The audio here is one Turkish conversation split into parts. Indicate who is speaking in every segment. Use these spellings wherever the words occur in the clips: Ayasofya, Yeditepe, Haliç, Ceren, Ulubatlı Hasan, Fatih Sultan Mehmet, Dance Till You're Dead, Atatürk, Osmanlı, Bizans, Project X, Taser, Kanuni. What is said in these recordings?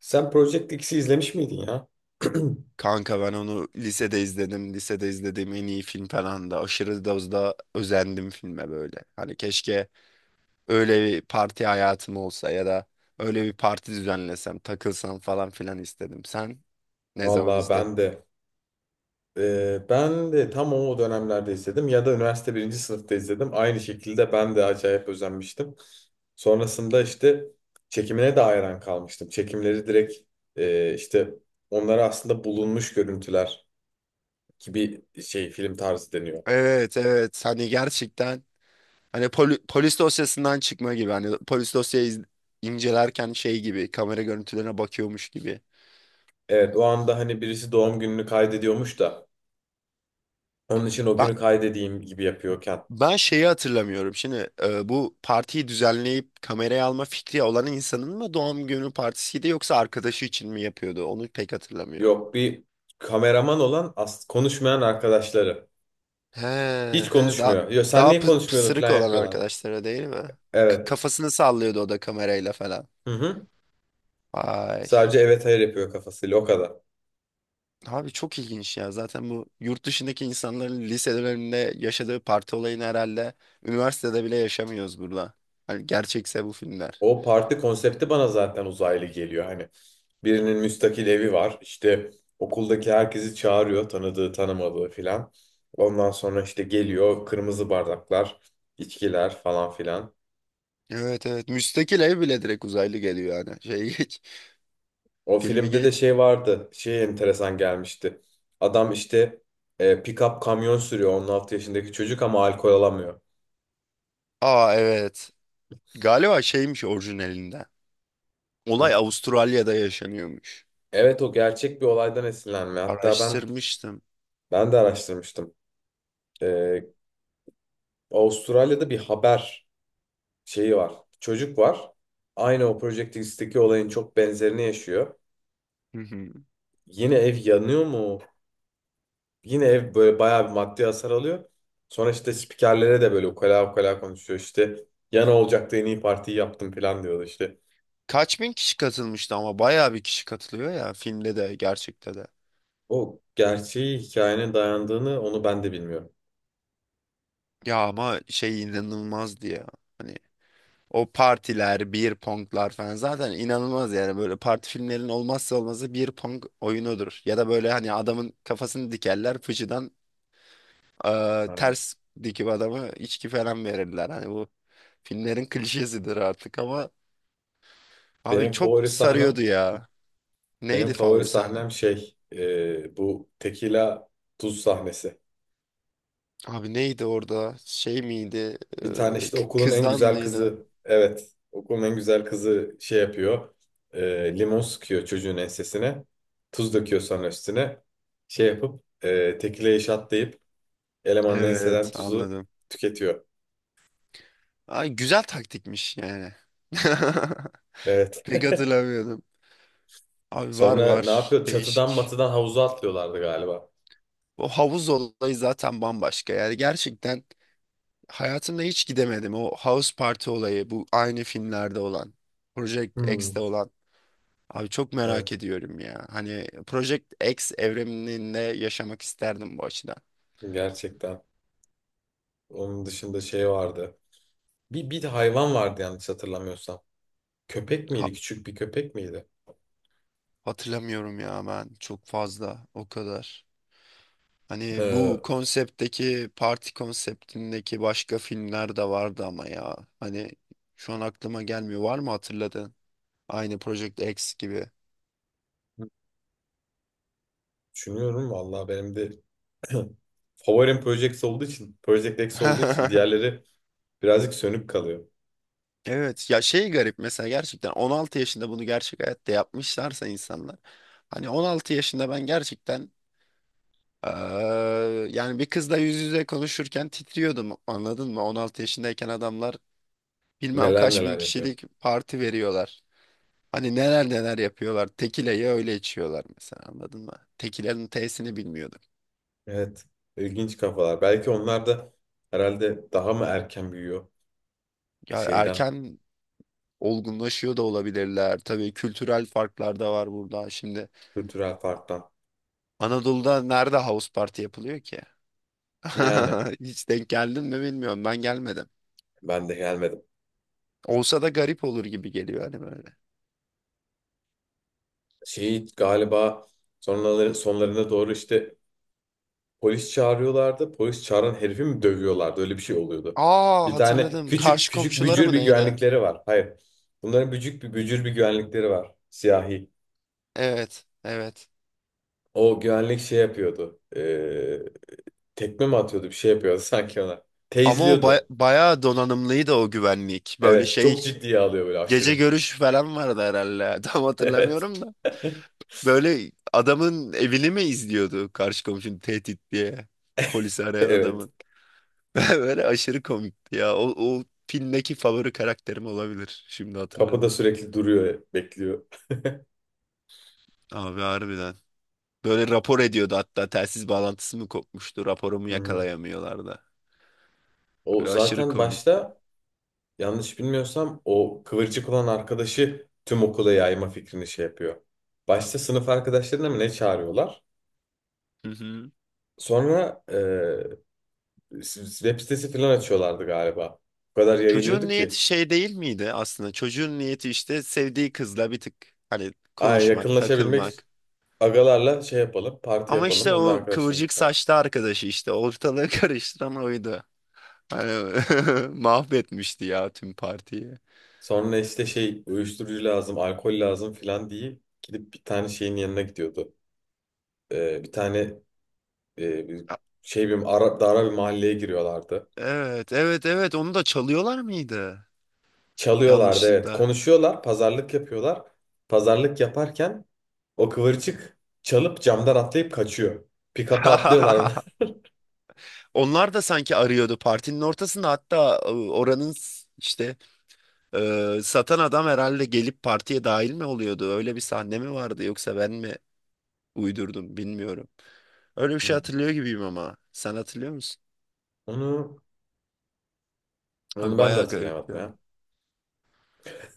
Speaker 1: Sen Project X'i izlemiş miydin ya?
Speaker 2: Kanka ben onu lisede izledim. Lisede izlediğim en iyi film falan da aşırı dozda özendim filme böyle. Hani keşke öyle bir parti hayatım olsa ya da öyle bir parti düzenlesem, takılsam falan filan istedim. Sen ne zaman
Speaker 1: Vallahi
Speaker 2: izledin?
Speaker 1: ben de tam o dönemlerde izledim ya da üniversite birinci sınıfta izledim. Aynı şekilde ben de acayip özenmiştim. Sonrasında işte çekimine de hayran kalmıştım. Çekimleri direkt işte onlara aslında bulunmuş görüntüler gibi şey film tarzı deniyor.
Speaker 2: Evet, evet, hani gerçekten hani polis dosyasından çıkma gibi hani polis dosyayı incelerken şey gibi kamera görüntülerine bakıyormuş gibi.
Speaker 1: Evet o anda hani birisi doğum gününü kaydediyormuş da onun için o
Speaker 2: Ben
Speaker 1: günü kaydedeyim gibi yapıyorken.
Speaker 2: Ben şeyi hatırlamıyorum. Şimdi bu partiyi düzenleyip kameraya alma fikri olan insanın mı doğum günü partisiydi yoksa arkadaşı için mi yapıyordu? Onu pek hatırlamıyorum.
Speaker 1: Yok bir kameraman olan konuşmayan arkadaşları.
Speaker 2: He,
Speaker 1: Hiç
Speaker 2: he, daha
Speaker 1: konuşmuyor. Yo, sen
Speaker 2: daha
Speaker 1: niye konuşmuyordun
Speaker 2: pısırık
Speaker 1: falan
Speaker 2: olan
Speaker 1: yapıyorlardı.
Speaker 2: arkadaşlara değil mi?
Speaker 1: Evet.
Speaker 2: Kafasını sallıyordu o da kamerayla falan.
Speaker 1: Hı hı.
Speaker 2: Ay.
Speaker 1: Sadece evet hayır yapıyor kafasıyla o kadar.
Speaker 2: Abi çok ilginç ya. Zaten bu yurt dışındaki insanların liselerinde yaşadığı parti olayını herhalde üniversitede bile yaşamıyoruz burada. Hani gerçekse bu filmler.
Speaker 1: O parti konsepti bana zaten uzaylı geliyor. Hani birinin müstakil evi var. İşte okuldaki herkesi çağırıyor. Tanıdığı tanımadığı filan. Ondan sonra işte geliyor kırmızı bardaklar, içkiler falan filan.
Speaker 2: Evet, evet. Müstakil ev bile direkt uzaylı geliyor yani. Şey geç.
Speaker 1: O
Speaker 2: Filmi
Speaker 1: filmde de
Speaker 2: geç.
Speaker 1: şey vardı. Şey enteresan gelmişti. Adam işte pick-up kamyon sürüyor, 16 yaşındaki çocuk ama alkol alamıyor.
Speaker 2: Aa, evet. Galiba şeymiş orijinalinde. Olay
Speaker 1: Hı.
Speaker 2: Avustralya'da yaşanıyormuş.
Speaker 1: Evet, o gerçek bir olaydan esinlenme. Hatta ben
Speaker 2: Araştırmıştım.
Speaker 1: ben de araştırmıştım. E, Avustralya'da bir haber şeyi var. Çocuk var. Aynı o Project X'teki olayın çok benzerini yaşıyor.
Speaker 2: Hı hı.
Speaker 1: Yine ev yanıyor mu? Yine ev böyle bayağı bir maddi hasar alıyor. Sonra işte spikerlere de böyle ukala ukala konuşuyor. İşte yana olacaktı, en iyi partiyi yaptım falan diyordu işte.
Speaker 2: Kaç bin kişi katılmıştı ama bayağı bir kişi katılıyor ya, filmde de gerçekte de.
Speaker 1: O gerçeği hikayenin dayandığını onu ben de bilmiyorum.
Speaker 2: Ya ama şey inanılmazdı ya. Hani o partiler, beer ponglar falan zaten inanılmaz yani böyle parti filmlerinin olmazsa olmazı beer pong oyunudur. Ya da böyle hani adamın kafasını dikerler fıçıdan. Aa,
Speaker 1: Aynen.
Speaker 2: ters dikip adama içki falan verirler. Hani bu filmlerin klişesidir artık ama abi
Speaker 1: Benim
Speaker 2: çok
Speaker 1: favori sahnem,
Speaker 2: sarıyordu ya.
Speaker 1: benim
Speaker 2: Neydi
Speaker 1: favori
Speaker 2: favori sahnen?
Speaker 1: sahnem şey, bu tekila tuz sahnesi.
Speaker 2: Abi neydi orada? Şey miydi?
Speaker 1: Bir tane işte okulun en
Speaker 2: Kızdan
Speaker 1: güzel
Speaker 2: mıydı?
Speaker 1: kızı, evet, okulun en güzel kızı şey yapıyor. Limon sıkıyor çocuğun ensesine. Tuz döküyor sonra üstüne. Şey yapıp tekile şatlayıp elemanın enseden
Speaker 2: Evet,
Speaker 1: tuzu
Speaker 2: anladım.
Speaker 1: tüketiyor.
Speaker 2: Ay güzel taktikmiş yani.
Speaker 1: Evet.
Speaker 2: Pek hatırlamıyordum. Abi var
Speaker 1: Sonra ne
Speaker 2: var
Speaker 1: yapıyor? Çatıdan
Speaker 2: değişik.
Speaker 1: matıdan havuza atlıyorlardı galiba.
Speaker 2: O havuz olayı zaten bambaşka yani gerçekten. Hayatımda hiç gidemedim. O House Party olayı bu aynı filmlerde olan. Project X'te
Speaker 1: Hmm,
Speaker 2: olan. Abi çok merak
Speaker 1: evet.
Speaker 2: ediyorum ya. Hani Project X evreninde yaşamak isterdim bu açıdan.
Speaker 1: Gerçekten. Onun dışında şey vardı. Bir de hayvan vardı yanlış hatırlamıyorsam. Köpek
Speaker 2: Ha-
Speaker 1: miydi? Küçük bir köpek miydi?
Speaker 2: hatırlamıyorum ya ben çok fazla o kadar. Hani
Speaker 1: Ee,
Speaker 2: bu konseptteki parti konseptindeki başka filmler de vardı ama ya. Hani şu an aklıma gelmiyor. Var mı hatırladın? Aynı Project X gibi.
Speaker 1: Düşünüyorum vallahi benim de. Favorim Project olduğu için, Project X olduğu için diğerleri birazcık sönük kalıyor.
Speaker 2: Evet ya şey garip mesela gerçekten 16 yaşında bunu gerçek hayatta yapmışlarsa insanlar, hani 16 yaşında ben gerçekten eee, yani bir kızla yüz yüze konuşurken titriyordum, anladın mı? 16 yaşındayken adamlar bilmem
Speaker 1: Neler
Speaker 2: kaç bin
Speaker 1: neler yapıyor.
Speaker 2: kişilik parti veriyorlar. Hani neler neler yapıyorlar. Tekileyi öyle içiyorlar mesela, anladın mı? Tekilerin T'sini bilmiyordum.
Speaker 1: Evet, ilginç kafalar. Belki onlar da herhalde daha mı erken büyüyor
Speaker 2: Ya
Speaker 1: şeyden,
Speaker 2: erken olgunlaşıyor da olabilirler. Tabii kültürel farklar da var burada. Şimdi
Speaker 1: kültürel farktan.
Speaker 2: Anadolu'da nerede house party yapılıyor ki?
Speaker 1: Yani
Speaker 2: Hiç denk geldin mi bilmiyorum. Ben gelmedim.
Speaker 1: ben de gelmedim.
Speaker 2: Olsa da garip olur gibi geliyor hani böyle.
Speaker 1: Şey galiba sonlarına doğru işte polis çağırıyorlardı. Polis çağıran herifi mi dövüyorlardı? Öyle bir şey oluyordu.
Speaker 2: Aa,
Speaker 1: Bir tane
Speaker 2: hatırladım.
Speaker 1: küçük
Speaker 2: Karşı
Speaker 1: küçük
Speaker 2: komşuları
Speaker 1: bücür
Speaker 2: mı
Speaker 1: bir
Speaker 2: neydi?
Speaker 1: güvenlikleri var. Hayır. Bunların bücük bir bücür bir güvenlikleri var. Siyahi.
Speaker 2: Evet, evet.
Speaker 1: O güvenlik şey yapıyordu. Tekme mi atıyordu, bir şey yapıyordu sanki ona.
Speaker 2: Ama o
Speaker 1: Teyzliyordu.
Speaker 2: bayağı donanımlıydı o güvenlik. Böyle
Speaker 1: Evet,
Speaker 2: şey,
Speaker 1: çok ciddiye alıyor böyle
Speaker 2: gece
Speaker 1: aşırı.
Speaker 2: görüş falan vardı herhalde. Tam
Speaker 1: Evet.
Speaker 2: hatırlamıyorum da. Böyle adamın evini mi izliyordu, karşı komşunun tehdit diye. Polisi arayan
Speaker 1: Evet.
Speaker 2: adamın. Böyle aşırı komikti ya. O filmdeki favori karakterim olabilir. Şimdi
Speaker 1: Kapıda
Speaker 2: hatırladım.
Speaker 1: sürekli duruyor, bekliyor.
Speaker 2: Abi harbiden. Böyle rapor ediyordu hatta, telsiz bağlantısı mı kopmuştu, raporumu
Speaker 1: Hı.
Speaker 2: yakalayamıyorlardı.
Speaker 1: O
Speaker 2: Böyle aşırı
Speaker 1: zaten
Speaker 2: komik.
Speaker 1: başta, yanlış bilmiyorsam, o kıvırcık olan arkadaşı tüm okula yayma fikrini şey yapıyor. Başta sınıf arkadaşlarına mı ne çağırıyorlar?
Speaker 2: Hı hı.
Speaker 1: Sonra web sitesi falan açıyorlardı galiba. O kadar
Speaker 2: Çocuğun
Speaker 1: yayılıyordu ki.
Speaker 2: niyeti şey değil miydi aslında? Çocuğun niyeti işte sevdiği kızla bir tık hani
Speaker 1: Ay,
Speaker 2: konuşmak,
Speaker 1: yakınlaşabilmek.
Speaker 2: takılmak.
Speaker 1: Agalarla şey yapalım, parti
Speaker 2: Ama
Speaker 1: yapalım,
Speaker 2: işte
Speaker 1: onun
Speaker 2: o
Speaker 1: arkadaşlarını
Speaker 2: kıvırcık
Speaker 1: çağır.
Speaker 2: saçlı arkadaşı işte ortalığı karıştıran oydu. Hani mahvetmişti ya tüm partiyi.
Speaker 1: Sonra işte şey, uyuşturucu lazım, alkol lazım filan diye gidip bir tane şeyin yanına gidiyordu. Bir tane, bir şey, dara bir mahalleye giriyorlardı.
Speaker 2: Evet, evet, evet. Onu da çalıyorlar mıydı?
Speaker 1: Çalıyorlardı evet.
Speaker 2: Yanlışlıkla.
Speaker 1: Konuşuyorlar, pazarlık yapıyorlar. Pazarlık yaparken o kıvırcık çalıp camdan atlayıp kaçıyor. Pick-up'a atlıyorlar.
Speaker 2: Onlar da sanki arıyordu partinin ortasında hatta, oranın işte satan adam herhalde gelip partiye dahil mi oluyordu? Öyle bir sahne mi vardı yoksa ben mi uydurdum bilmiyorum. Öyle bir şey
Speaker 1: Hmm.
Speaker 2: hatırlıyor gibiyim ama sen hatırlıyor musun?
Speaker 1: Onu, onu
Speaker 2: Abi
Speaker 1: ben de
Speaker 2: bayağı garip
Speaker 1: hatırlayamadım
Speaker 2: ya.
Speaker 1: ya.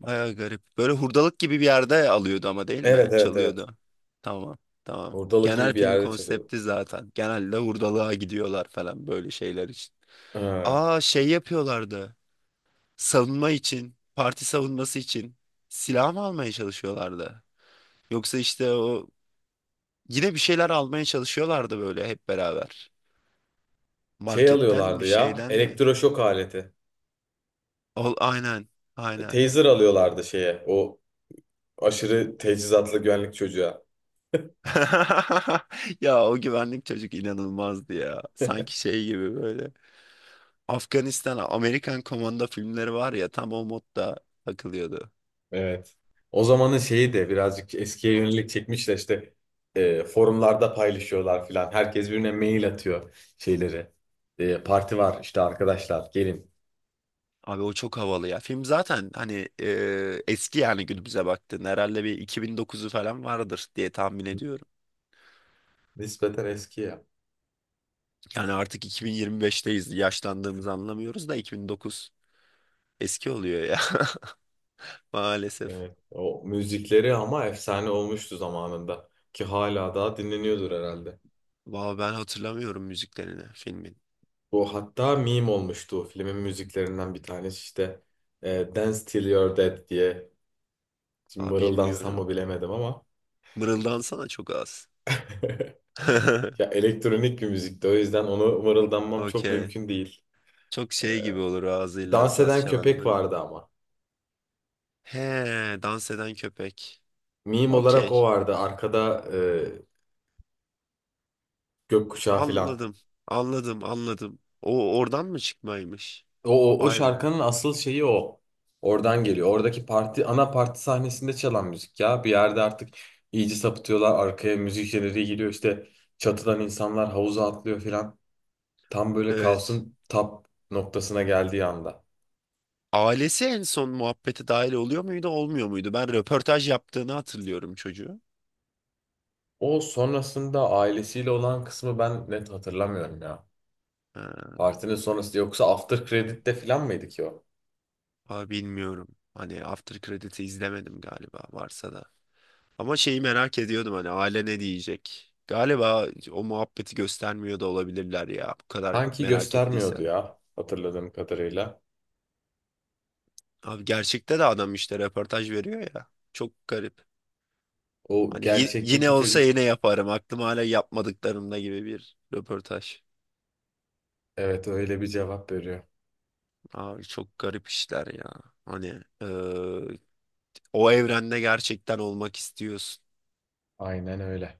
Speaker 2: Bayağı garip. Böyle hurdalık gibi bir yerde alıyordu ama değil
Speaker 1: Evet
Speaker 2: mi?
Speaker 1: evet evet.
Speaker 2: Çalıyordu. Tamam, tamam.
Speaker 1: Hurdalık gibi
Speaker 2: Genel
Speaker 1: bir
Speaker 2: film
Speaker 1: yerde çalıyordu.
Speaker 2: konsepti zaten. Genelde hurdalığa gidiyorlar falan böyle şeyler için.
Speaker 1: Ee,
Speaker 2: Aa, şey yapıyorlardı. Savunma için, parti savunması için silah mı almaya çalışıyorlardı? Yoksa işte o yine bir şeyler almaya çalışıyorlardı böyle hep beraber.
Speaker 1: Şey
Speaker 2: Marketten
Speaker 1: alıyorlardı
Speaker 2: mi
Speaker 1: ya,
Speaker 2: şeyden mi?
Speaker 1: elektroşok aleti.
Speaker 2: Ol, aynen, aynen.
Speaker 1: Taser alıyorlardı şeye, o aşırı teçhizatlı güvenlik çocuğa.
Speaker 2: Ya o güvenlik çocuk inanılmazdı ya. Sanki şey gibi böyle. Afganistan, Amerikan Komando filmleri var ya, tam o modda takılıyordu.
Speaker 1: Evet. O zamanın şeyi de birazcık eskiye yönelik çekmişler. İşte forumlarda paylaşıyorlar filan. Herkes birbirine mail atıyor şeyleri. Parti var işte, arkadaşlar gelin.
Speaker 2: Abi o çok havalı ya. Film zaten hani eski, yani günümüze baktığında herhalde bir 2009'u falan vardır diye tahmin ediyorum.
Speaker 1: Nispeten eski ya.
Speaker 2: Yani artık 2025'teyiz. Yaşlandığımızı anlamıyoruz da 2009 eski oluyor ya maalesef.
Speaker 1: Evet. O müzikleri ama efsane olmuştu zamanında. Ki hala daha dinleniyordur herhalde.
Speaker 2: Valla ben hatırlamıyorum müziklerini filmin.
Speaker 1: Bu hatta meme olmuştu. Filmin müziklerinden bir tanesi işte, Dance Till You're Dead diye. Şimdi
Speaker 2: Aa,
Speaker 1: mırıldansam mı
Speaker 2: bilmiyorum.
Speaker 1: bilemedim ama.
Speaker 2: Mırıldansana çok az.
Speaker 1: Ya, elektronik bir müzikti. O yüzden onu mırıldanmam çok
Speaker 2: Okey.
Speaker 1: mümkün değil.
Speaker 2: Çok şey gibi olur,
Speaker 1: Dans
Speaker 2: ağzıyla saz
Speaker 1: eden
Speaker 2: çalan
Speaker 1: köpek
Speaker 2: adam
Speaker 1: vardı
Speaker 2: gibi.
Speaker 1: ama.
Speaker 2: He, dans eden köpek.
Speaker 1: Meme olarak o
Speaker 2: Okey.
Speaker 1: vardı. Arkada gökkuşağı filan.
Speaker 2: Anladım. Anladım, anladım. O oradan mı çıkmaymış?
Speaker 1: O
Speaker 2: Vay be.
Speaker 1: şarkının asıl şeyi o. Oradan geliyor. Oradaki parti, ana parti sahnesinde çalan müzik ya. Bir yerde artık iyice sapıtıyorlar. Arkaya müzik jeneriği giriyor. İşte çatıdan insanlar havuza atlıyor filan. Tam böyle
Speaker 2: Evet.
Speaker 1: kaosun tap noktasına geldiği anda.
Speaker 2: Ailesi en son muhabbete dahil oluyor muydu, olmuyor muydu? Ben röportaj yaptığını hatırlıyorum çocuğu.
Speaker 1: O sonrasında ailesiyle olan kısmı ben net hatırlamıyorum ya.
Speaker 2: Ha,
Speaker 1: Partinin sonrası yoksa after credit'te falan mıydı ki o?
Speaker 2: ama bilmiyorum. Hani After Credit'i izlemedim galiba varsa da. Ama şeyi merak ediyordum, hani aile ne diyecek? Galiba o muhabbeti göstermiyor da olabilirler ya bu kadar
Speaker 1: Sanki
Speaker 2: merak
Speaker 1: göstermiyordu
Speaker 2: ettiysen.
Speaker 1: ya, hatırladığım kadarıyla.
Speaker 2: Abi gerçekte de adam işte röportaj veriyor ya. Çok garip.
Speaker 1: O
Speaker 2: Hani yine
Speaker 1: gerçekteki
Speaker 2: olsa
Speaker 1: çocuk
Speaker 2: yine yaparım. Aklım hala yapmadıklarımda gibi bir röportaj.
Speaker 1: evet, öyle bir cevap veriyor.
Speaker 2: Abi çok garip işler ya. Hani O evrende gerçekten olmak istiyorsun.
Speaker 1: Aynen öyle.